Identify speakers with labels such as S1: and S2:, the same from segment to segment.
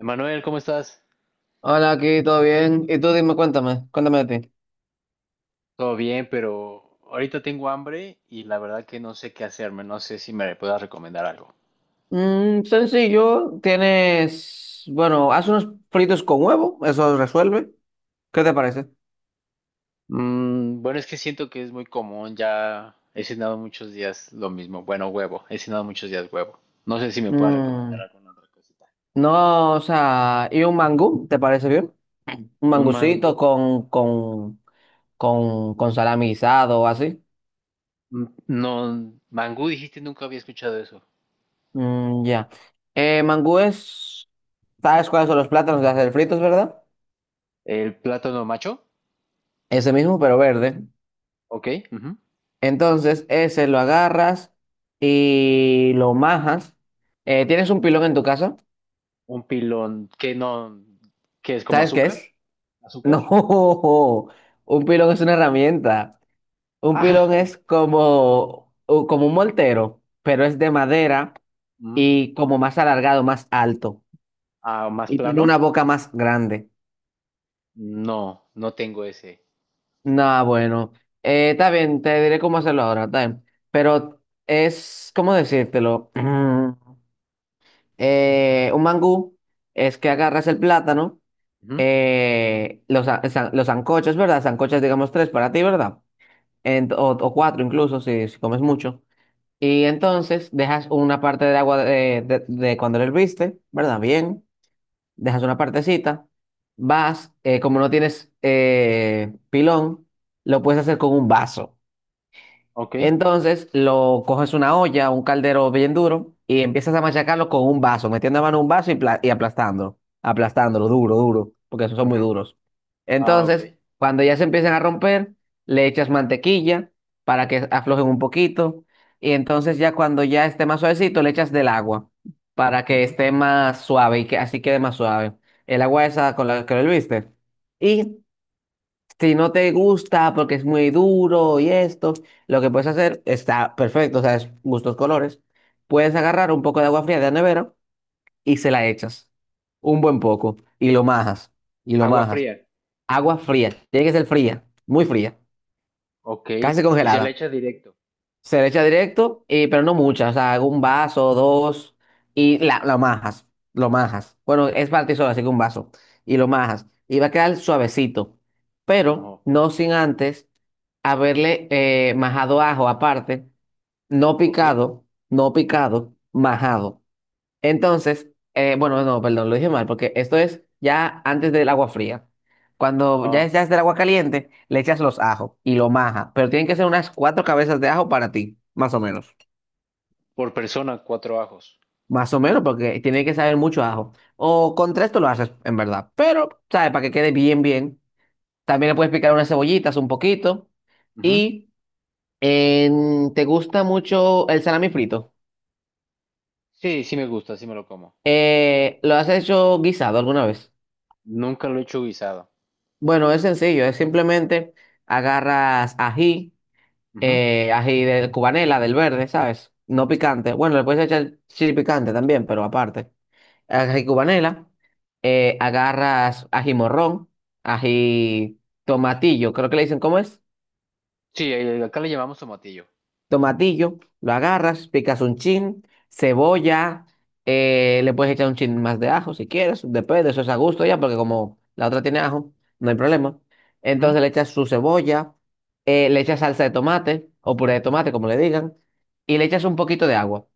S1: Emanuel, ¿cómo estás?
S2: Hola, aquí todo bien. Y tú dime, cuéntame de ti.
S1: Todo bien, pero ahorita tengo hambre y la verdad que no sé qué hacerme, no sé si me puedas recomendar algo.
S2: Sencillo, tienes, bueno, haz unos fritos con huevo, eso resuelve. ¿Qué te parece?
S1: Bueno, es que siento que es muy común, ya he cenado muchos días lo mismo, bueno, huevo, he cenado muchos días huevo. No sé si me puedas recomendar
S2: Mm,
S1: alguna otra cosita.
S2: no, o sea, ¿y un mangú? ¿Te parece bien? Un
S1: ¿Un mangú?
S2: mangucito con salami guisado o así.
S1: Mm, no, mangú dijiste, nunca había escuchado eso.
S2: Mm, ya. Mangú es, ¿sabes cuáles son los plátanos de hacer fritos, verdad?
S1: ¿El plátano macho?
S2: Ese mismo, pero verde.
S1: Ok, ujú.
S2: Entonces, ese lo agarras y lo majas. ¿Tienes un pilón en tu casa?
S1: ¿Un pilón? Que no, ¿que es como
S2: ¿Sabes qué
S1: azúcar?
S2: es?
S1: ¿Azúcar?
S2: No, un pilón es una herramienta. Un
S1: Ah,
S2: pilón es como, como un moltero, pero es de madera
S1: mm,
S2: y como más alargado, más alto.
S1: ah, más
S2: Y tiene una
S1: plano.
S2: boca más grande.
S1: No, no tengo ese.
S2: Nah, bueno. Está bien, te diré cómo hacerlo ahora, está bien. Pero es, ¿cómo decírtelo? Un mangú es que agarras el plátano
S1: Ujú.
S2: los sancochos, ¿verdad? Sancochos, digamos, tres para ti, ¿verdad? O cuatro incluso, si comes mucho. Y entonces dejas una parte de agua de cuando lo herviste, ¿verdad? Bien, dejas una partecita, vas, como no tienes pilón, lo puedes hacer con un vaso.
S1: Ok,
S2: Entonces lo coges una olla, un caldero bien duro y empiezas a machacarlo con un vaso, metiendo la mano en un vaso y aplastándolo, aplastándolo duro, duro, porque esos son muy
S1: ujú.
S2: duros.
S1: Ah, ok.
S2: Entonces, cuando ya se empiezan a romper, le echas mantequilla para que aflojen un poquito y entonces ya cuando ya esté más suavecito, le echas del agua para que
S1: Ujú,
S2: esté más suave y que así quede más suave. El agua
S1: ujú.
S2: esa con la que lo viste. Y si no te gusta porque es muy duro y esto, lo que puedes hacer está perfecto, o sea, es gustos colores. Puedes agarrar un poco de agua fría de la nevera y se la echas. Un buen poco. Y lo majas. Y lo
S1: Agua
S2: majas.
S1: fría.
S2: Agua fría. Tiene que ser fría. Muy fría.
S1: Ok.
S2: Casi
S1: Y se la
S2: congelada.
S1: echa directo.
S2: Se le echa directo, pero no muchas, o sea, hago un vaso, dos, y lo majas, lo majas. Bueno, es para ti así que un vaso, y lo majas. Y va a quedar suavecito, pero
S1: Ajá.
S2: no sin antes haberle majado ajo aparte, no
S1: Ok.
S2: picado, no picado, majado. Entonces, bueno, no, perdón, lo dije mal, porque esto es ya antes del agua fría. Cuando
S1: Ah,
S2: ya es del agua caliente, le echas los ajos y lo majas, pero tienen que ser unas cuatro cabezas de ajo para ti, más o menos.
S1: por persona, cuatro ajos.
S2: Más o menos, porque tiene que saber mucho a ajo. O con tres tú lo haces, en verdad. Pero, ¿sabes? Para que quede bien, bien. También le puedes picar unas cebollitas un poquito.
S1: Ujú.
S2: Y te gusta mucho el salami frito.
S1: Sí, sí me gusta, sí me lo como.
S2: ¿Lo has hecho guisado alguna vez?
S1: Nunca lo he hecho guisado.
S2: Bueno, es sencillo, es simplemente agarras ají,
S1: Ujú.
S2: ají de cubanela, del verde, ¿sabes? No picante. Bueno, le puedes echar chili picante también, pero aparte. Ají cubanela, agarras ají morrón, ají tomatillo, creo que le dicen, ¿cómo es?
S1: Sí, acá le llamamos tomatillo.
S2: Tomatillo, lo agarras, picas un chin, cebolla, le puedes echar un chin más de ajo si quieres, depende, eso es a gusto ya, porque como la otra tiene ajo, no hay problema.
S1: Ujú.
S2: Entonces le echas su cebolla, le echas salsa de tomate o puré de tomate, como le digan, y le echas un poquito de agua.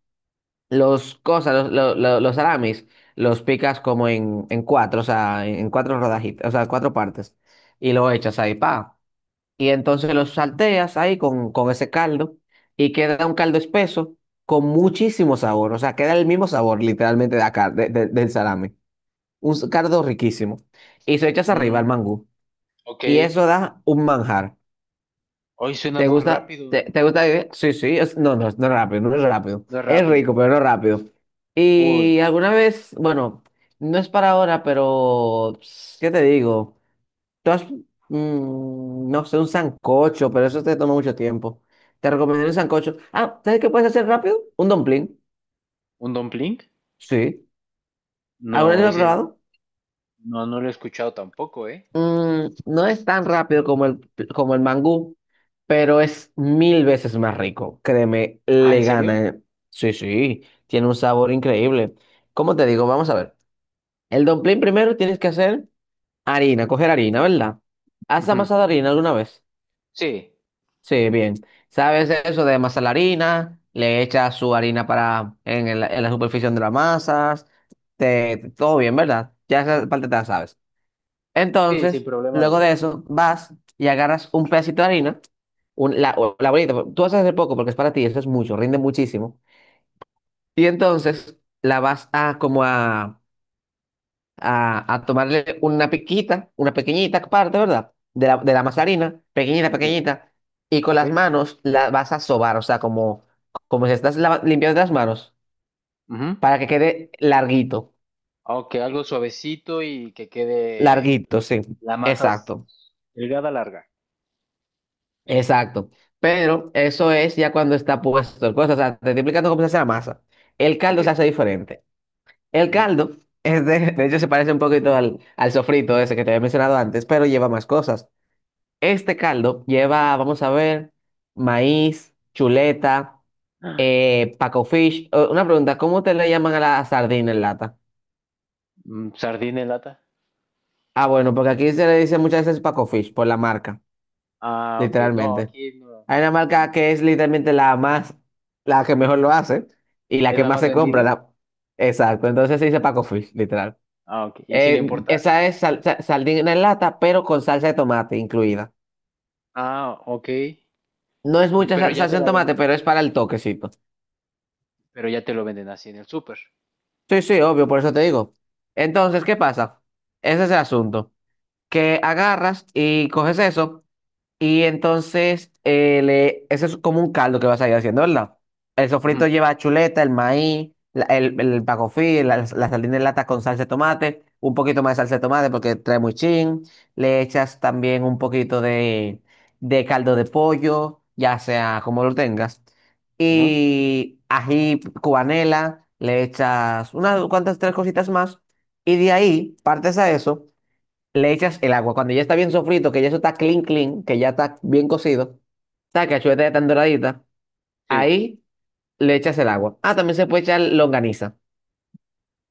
S2: Los cosas, los, lo- los salamis, los picas como en cuatro, o sea, en cuatro rodajitas, o sea, cuatro partes, y lo echas ahí, pa y entonces los salteas ahí con, ese caldo y queda un caldo espeso con muchísimo sabor, o sea, queda el mismo sabor literalmente de la de- del salame, un caldo riquísimo y se echas arriba al
S1: Mm,
S2: mangú
S1: ok.
S2: y eso da un manjar.
S1: Hoy suena
S2: ¿Te
S1: muy
S2: gusta?
S1: rápido,
S2: ¿Te,
S1: ¿no?
S2: te gusta? La Sí, sí, no, no, no es rápido, no es rápido,
S1: No es
S2: es
S1: rápido.
S2: rico, pero no rápido.
S1: Uy,
S2: Y alguna vez, bueno, no es para ahora, pero ¿qué te digo? Tú has- no sé, un sancocho, pero eso te toma mucho tiempo. Te recomendaría un sancocho. Ah, ¿sabes qué puedes hacer rápido? Un dumpling.
S1: ¿un dumpling?
S2: Sí. ¿Alguna vez
S1: No,
S2: lo has
S1: ese
S2: probado?
S1: no, no lo he escuchado tampoco, ¿eh?
S2: No es tan rápido como el mangú, pero es mil veces más rico. Créeme,
S1: Ah, ¿en
S2: le gana.
S1: serio?
S2: eh. Sí, sí, tiene un sabor increíble. ¿Cómo te digo? Vamos a ver. El dumpling primero tienes que hacer harina, coger harina, ¿verdad? ¿Has
S1: Ujú.
S2: amasado harina alguna vez?
S1: Sí,
S2: Sí, bien. ¿Sabes eso de amasar la harina? Le echas su harina para en la superficie de las masas. Todo bien, ¿verdad? Ya esa parte te la sabes.
S1: sí, sin
S2: Entonces,
S1: problema lo
S2: luego
S1: de la
S2: de
S1: harina.
S2: eso, vas y agarras un pedacito de harina, o la bolita. Pues, tú vas a hacer poco porque es para ti, eso es mucho, rinde muchísimo. Y entonces la vas a como a tomarle una piquita, una pequeñita parte, ¿verdad? De la masa de harina, pequeñita,
S1: Sí,
S2: pequeñita, y con
S1: ok.
S2: las manos la vas a sobar, o sea, como si estás limpiando las manos,
S1: Ujú.
S2: para que quede larguito,
S1: Ok, algo suavecito y que quede
S2: larguito, sí,
S1: la masa s-
S2: exacto,
S1: delgada, larga.
S2: exacto. Pero eso es ya cuando está puesto el cosa, o sea, te estoy explicando cómo se hace la masa. El
S1: Ok.
S2: caldo se hace diferente. El
S1: Ujú.
S2: caldo, es de hecho, se parece un poquito al sofrito ese que te había mencionado antes, pero lleva más cosas. Este caldo lleva, vamos a ver, maíz, chuleta, paco fish. Una pregunta, ¿cómo te le llaman a la sardina en lata?
S1: Mm, sardina en lata.
S2: Ah, bueno, porque aquí se le dice muchas veces paco fish por la marca,
S1: Ah, ok. No,
S2: literalmente.
S1: aquí no.
S2: Hay una marca
S1: Mm.
S2: que es literalmente la más, la que mejor lo hace y la
S1: ¿Es
S2: que
S1: la
S2: más
S1: más
S2: se compra.
S1: vendida?
S2: la- Exacto, entonces se dice paco fish, literal.
S1: Ah, ok. Y sin
S2: Eh,
S1: importar.
S2: esa es sardina en lata, pero con salsa de tomate incluida.
S1: Ah, ok.
S2: No es mucha
S1: Pero ya te
S2: salsa de
S1: la
S2: tomate,
S1: venden
S2: pero es
S1: así.
S2: para el toquecito.
S1: Pero ya te lo venden así en el súper.
S2: Sí, sí, obvio, por eso te digo. Entonces, ¿qué pasa? Ese es el asunto. Que agarras y coges eso, y entonces, eso es como un caldo que vas a ir haciendo, ¿verdad? El sofrito
S1: Ujú,
S2: lleva chuleta, el maíz, el pacofí, la sardina en lata con salsa de tomate, un poquito más de salsa de tomate porque trae muy chin. Le echas también un poquito de caldo de pollo, ya sea como lo tengas.
S1: ujú.
S2: Y ají cubanela, le echas unas cuantas tres cositas más. Y de ahí partes a eso le echas el agua. Cuando ya está bien sofrito, que ya eso está clean, clean, que ya está bien cocido, está que la chuleta ya está doradita,
S1: Sí.
S2: ahí le echas el agua. Ah, también se puede echar longaniza.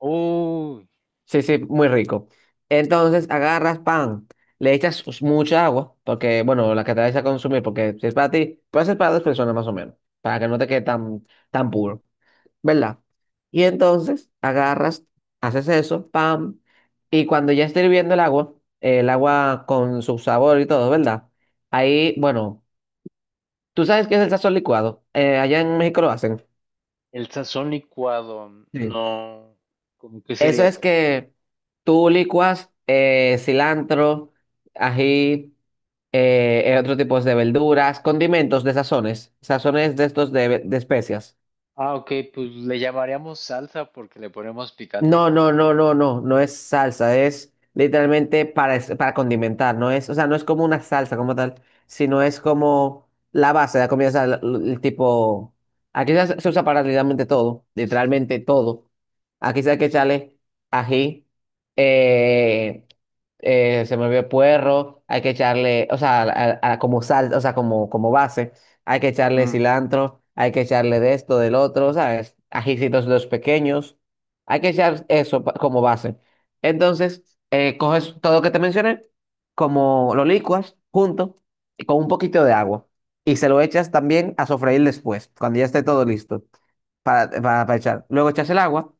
S1: Uy,
S2: Sí, sí, muy rico. Entonces agarras pan, le echas mucha agua, porque, bueno, la que te vayas a consumir, porque si es para ti, puede ser para dos personas más o menos, para que no te quede tan, tan puro. ¿Verdad? Y entonces agarras, haces eso, pam, y cuando ya está hirviendo el agua con su sabor y todo, ¿verdad? Ahí, bueno, tú sabes qué es el sazón licuado. Allá en México lo hacen.
S1: el sazón licuado.
S2: Sí.
S1: No. ¿Cómo que
S2: Eso
S1: sería?
S2: es
S1: Como,
S2: que tú licuas cilantro, ají, otro tipo de verduras, condimentos de sazones, sazones de estos de especias.
S1: ah, ok, pues le llamaríamos salsa porque le ponemos picante.
S2: No, no, no, no, no, no es salsa, es literalmente para condimentar, no es, o sea, no es como una salsa como tal, sino es como la base de la comida, o sea, tipo, aquí se usa para literalmente todo, literalmente todo. Aquí se hay que echarle ají, eh, se me olvidó puerro, hay que echarle, o sea, como sal, o sea, como base, hay que echarle
S1: Mm,
S2: cilantro, hay que echarle de esto, del otro, ¿sabes? Ajicitos los pequeños. Hay que echar eso como base. Entonces, coges todo lo que te mencioné, como lo licuas junto y con un poquito de agua. Y se lo echas también a sofreír después, cuando ya esté todo listo para echar. Luego echas el agua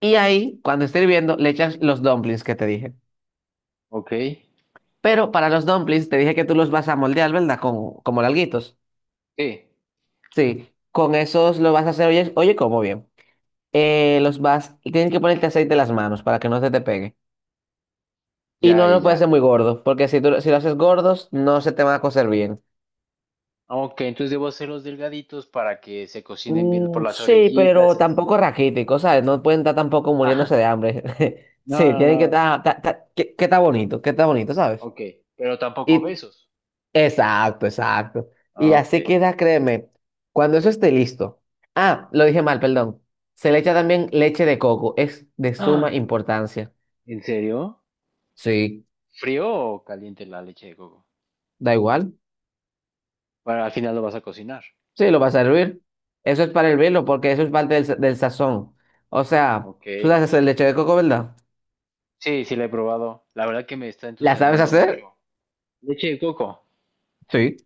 S2: y ahí, cuando esté hirviendo, le echas los dumplings que te dije.
S1: ok.
S2: Pero para los dumplings te dije que tú los vas a moldear, ¿verdad? Con, como larguitos.
S1: Sí,
S2: Sí, con esos lo vas a hacer, oye, oye, como bien. Los vas y tienes que ponerte aceite en las manos para que no se te pegue. Y
S1: ya,
S2: no
S1: ya,
S2: lo puedes hacer
S1: ya.
S2: muy gordo, porque si, tú, si lo haces gordos, no se te van a cocer bien.
S1: Ah, ok, entonces debo hacerlos delgaditos para que se cocinen bien por
S2: Mm,
S1: las
S2: sí,
S1: orillitas
S2: pero
S1: y el
S2: tampoco
S1: centro.
S2: raquítico, ¿sabes? No pueden estar tampoco muriéndose
S1: Ah,
S2: de hambre.
S1: no,
S2: Sí,
S1: no,
S2: tienen que
S1: no.
S2: estar, que está bonito, que está bonito, ¿sabes?
S1: Ok, pero tampoco
S2: Y,
S1: besos.
S2: exacto, exacto. Y
S1: Ok.
S2: así queda, créeme, cuando eso esté listo. Ah, lo dije mal, perdón. Se le echa también leche de coco, es de suma
S1: Ah,
S2: importancia.
S1: ¿en serio?
S2: Sí,
S1: ¿Frío o caliente la leche de coco?
S2: da igual.
S1: Bueno, al final lo vas a cocinar.
S2: Sí, lo vas a hervir. Eso es para hervirlo, porque eso es parte del sazón. O sea,
S1: Ok.
S2: tú sabes hacer leche de coco, ¿verdad?
S1: Sí, sí, la he probado. La verdad que me está
S2: ¿La sabes
S1: entusiasmando
S2: hacer?
S1: mucho. Leche de coco.
S2: Sí.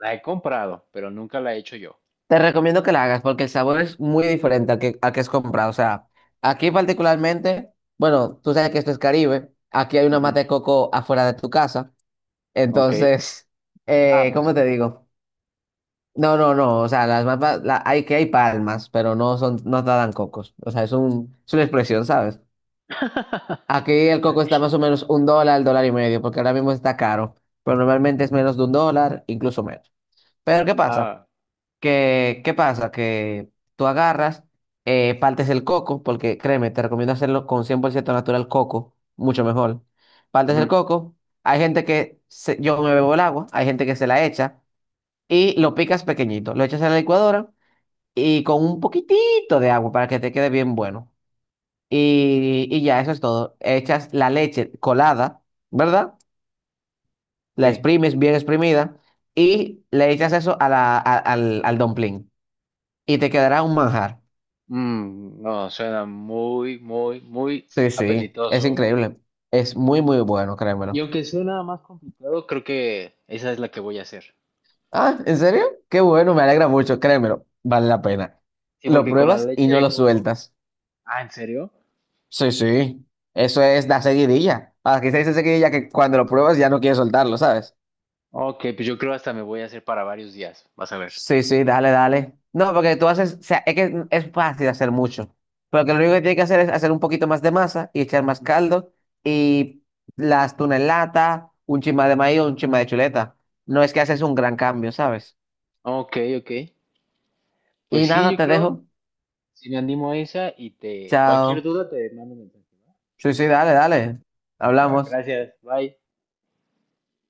S1: La he comprado, pero nunca la he hecho yo.
S2: Te recomiendo que la hagas porque el sabor es muy diferente al que es comprado. O sea, aquí particularmente, bueno, tú sabes que esto es Caribe. Aquí hay una
S1: Ujú.
S2: mata de coco afuera de tu casa.
S1: Ok.
S2: Entonces,
S1: Ah, pues
S2: ¿cómo
S1: ya.
S2: te digo? No, no, no. O sea, las mapas, hay palmas, pero no son, no te dan cocos. O sea, es un, es una expresión, ¿sabes? Aquí el coco está
S1: Ok.
S2: más o menos un dólar, dólar y medio, porque ahora mismo está caro, pero normalmente es menos de un dólar, incluso menos. Pero ¿qué pasa?
S1: Ah,
S2: Que, ¿qué pasa? Que tú agarras, partes el coco, porque créeme, te recomiendo hacerlo con 100% natural coco, mucho mejor. Partes el
S1: ujú.
S2: coco, hay gente que yo me bebo el agua, hay gente que se la echa y lo picas pequeñito, lo echas en la licuadora y con un poquitito de agua para que te quede bien bueno. Y ya, eso es todo. Echas la leche colada, ¿verdad? La
S1: Sí.
S2: exprimes bien exprimida y le echas eso a la, a- al, al dumpling. Y te quedará un manjar.
S1: Mm, no, suena muy, muy, muy
S2: Sí, sí, es
S1: apetitoso.
S2: increíble. Es muy, muy bueno,
S1: Y
S2: créemelo.
S1: aunque suena más complicado, creo que esa es la que voy a hacer.
S2: Ah, ¿en serio? Qué bueno, me alegra mucho, créemelo. Vale la pena.
S1: Sí,
S2: Lo
S1: porque con la
S2: pruebas y
S1: leche
S2: no
S1: de
S2: lo
S1: coco.
S2: sueltas.
S1: Ah, ¿en serio?
S2: Sí, sí. Eso es la seguidilla. Aquí se dice seguidilla que cuando lo pruebas ya no quieres soltarlo, ¿sabes?
S1: Ok, pues yo creo hasta me voy a hacer para varios días. Vas a ver.
S2: Sí, sí, dale, dale. No, porque tú haces, o sea, es que es fácil hacer mucho. Pero que lo único que tienes que hacer es hacer un poquito más de masa y echar más
S1: Mm.
S2: caldo y las tunas en lata, un chima de maíz o un chima de chuleta. No es que haces un gran cambio, ¿sabes?
S1: Ok, ok. Pues
S2: Y
S1: sí,
S2: nada,
S1: yo
S2: te
S1: creo.
S2: dejo.
S1: Si me animo a esa y te... Cualquier
S2: Chao.
S1: duda te mando un mensaje.
S2: Sí, sí, dale, dale.
S1: ¿Va? Va que va.
S2: Hablamos.
S1: Gracias. Bye.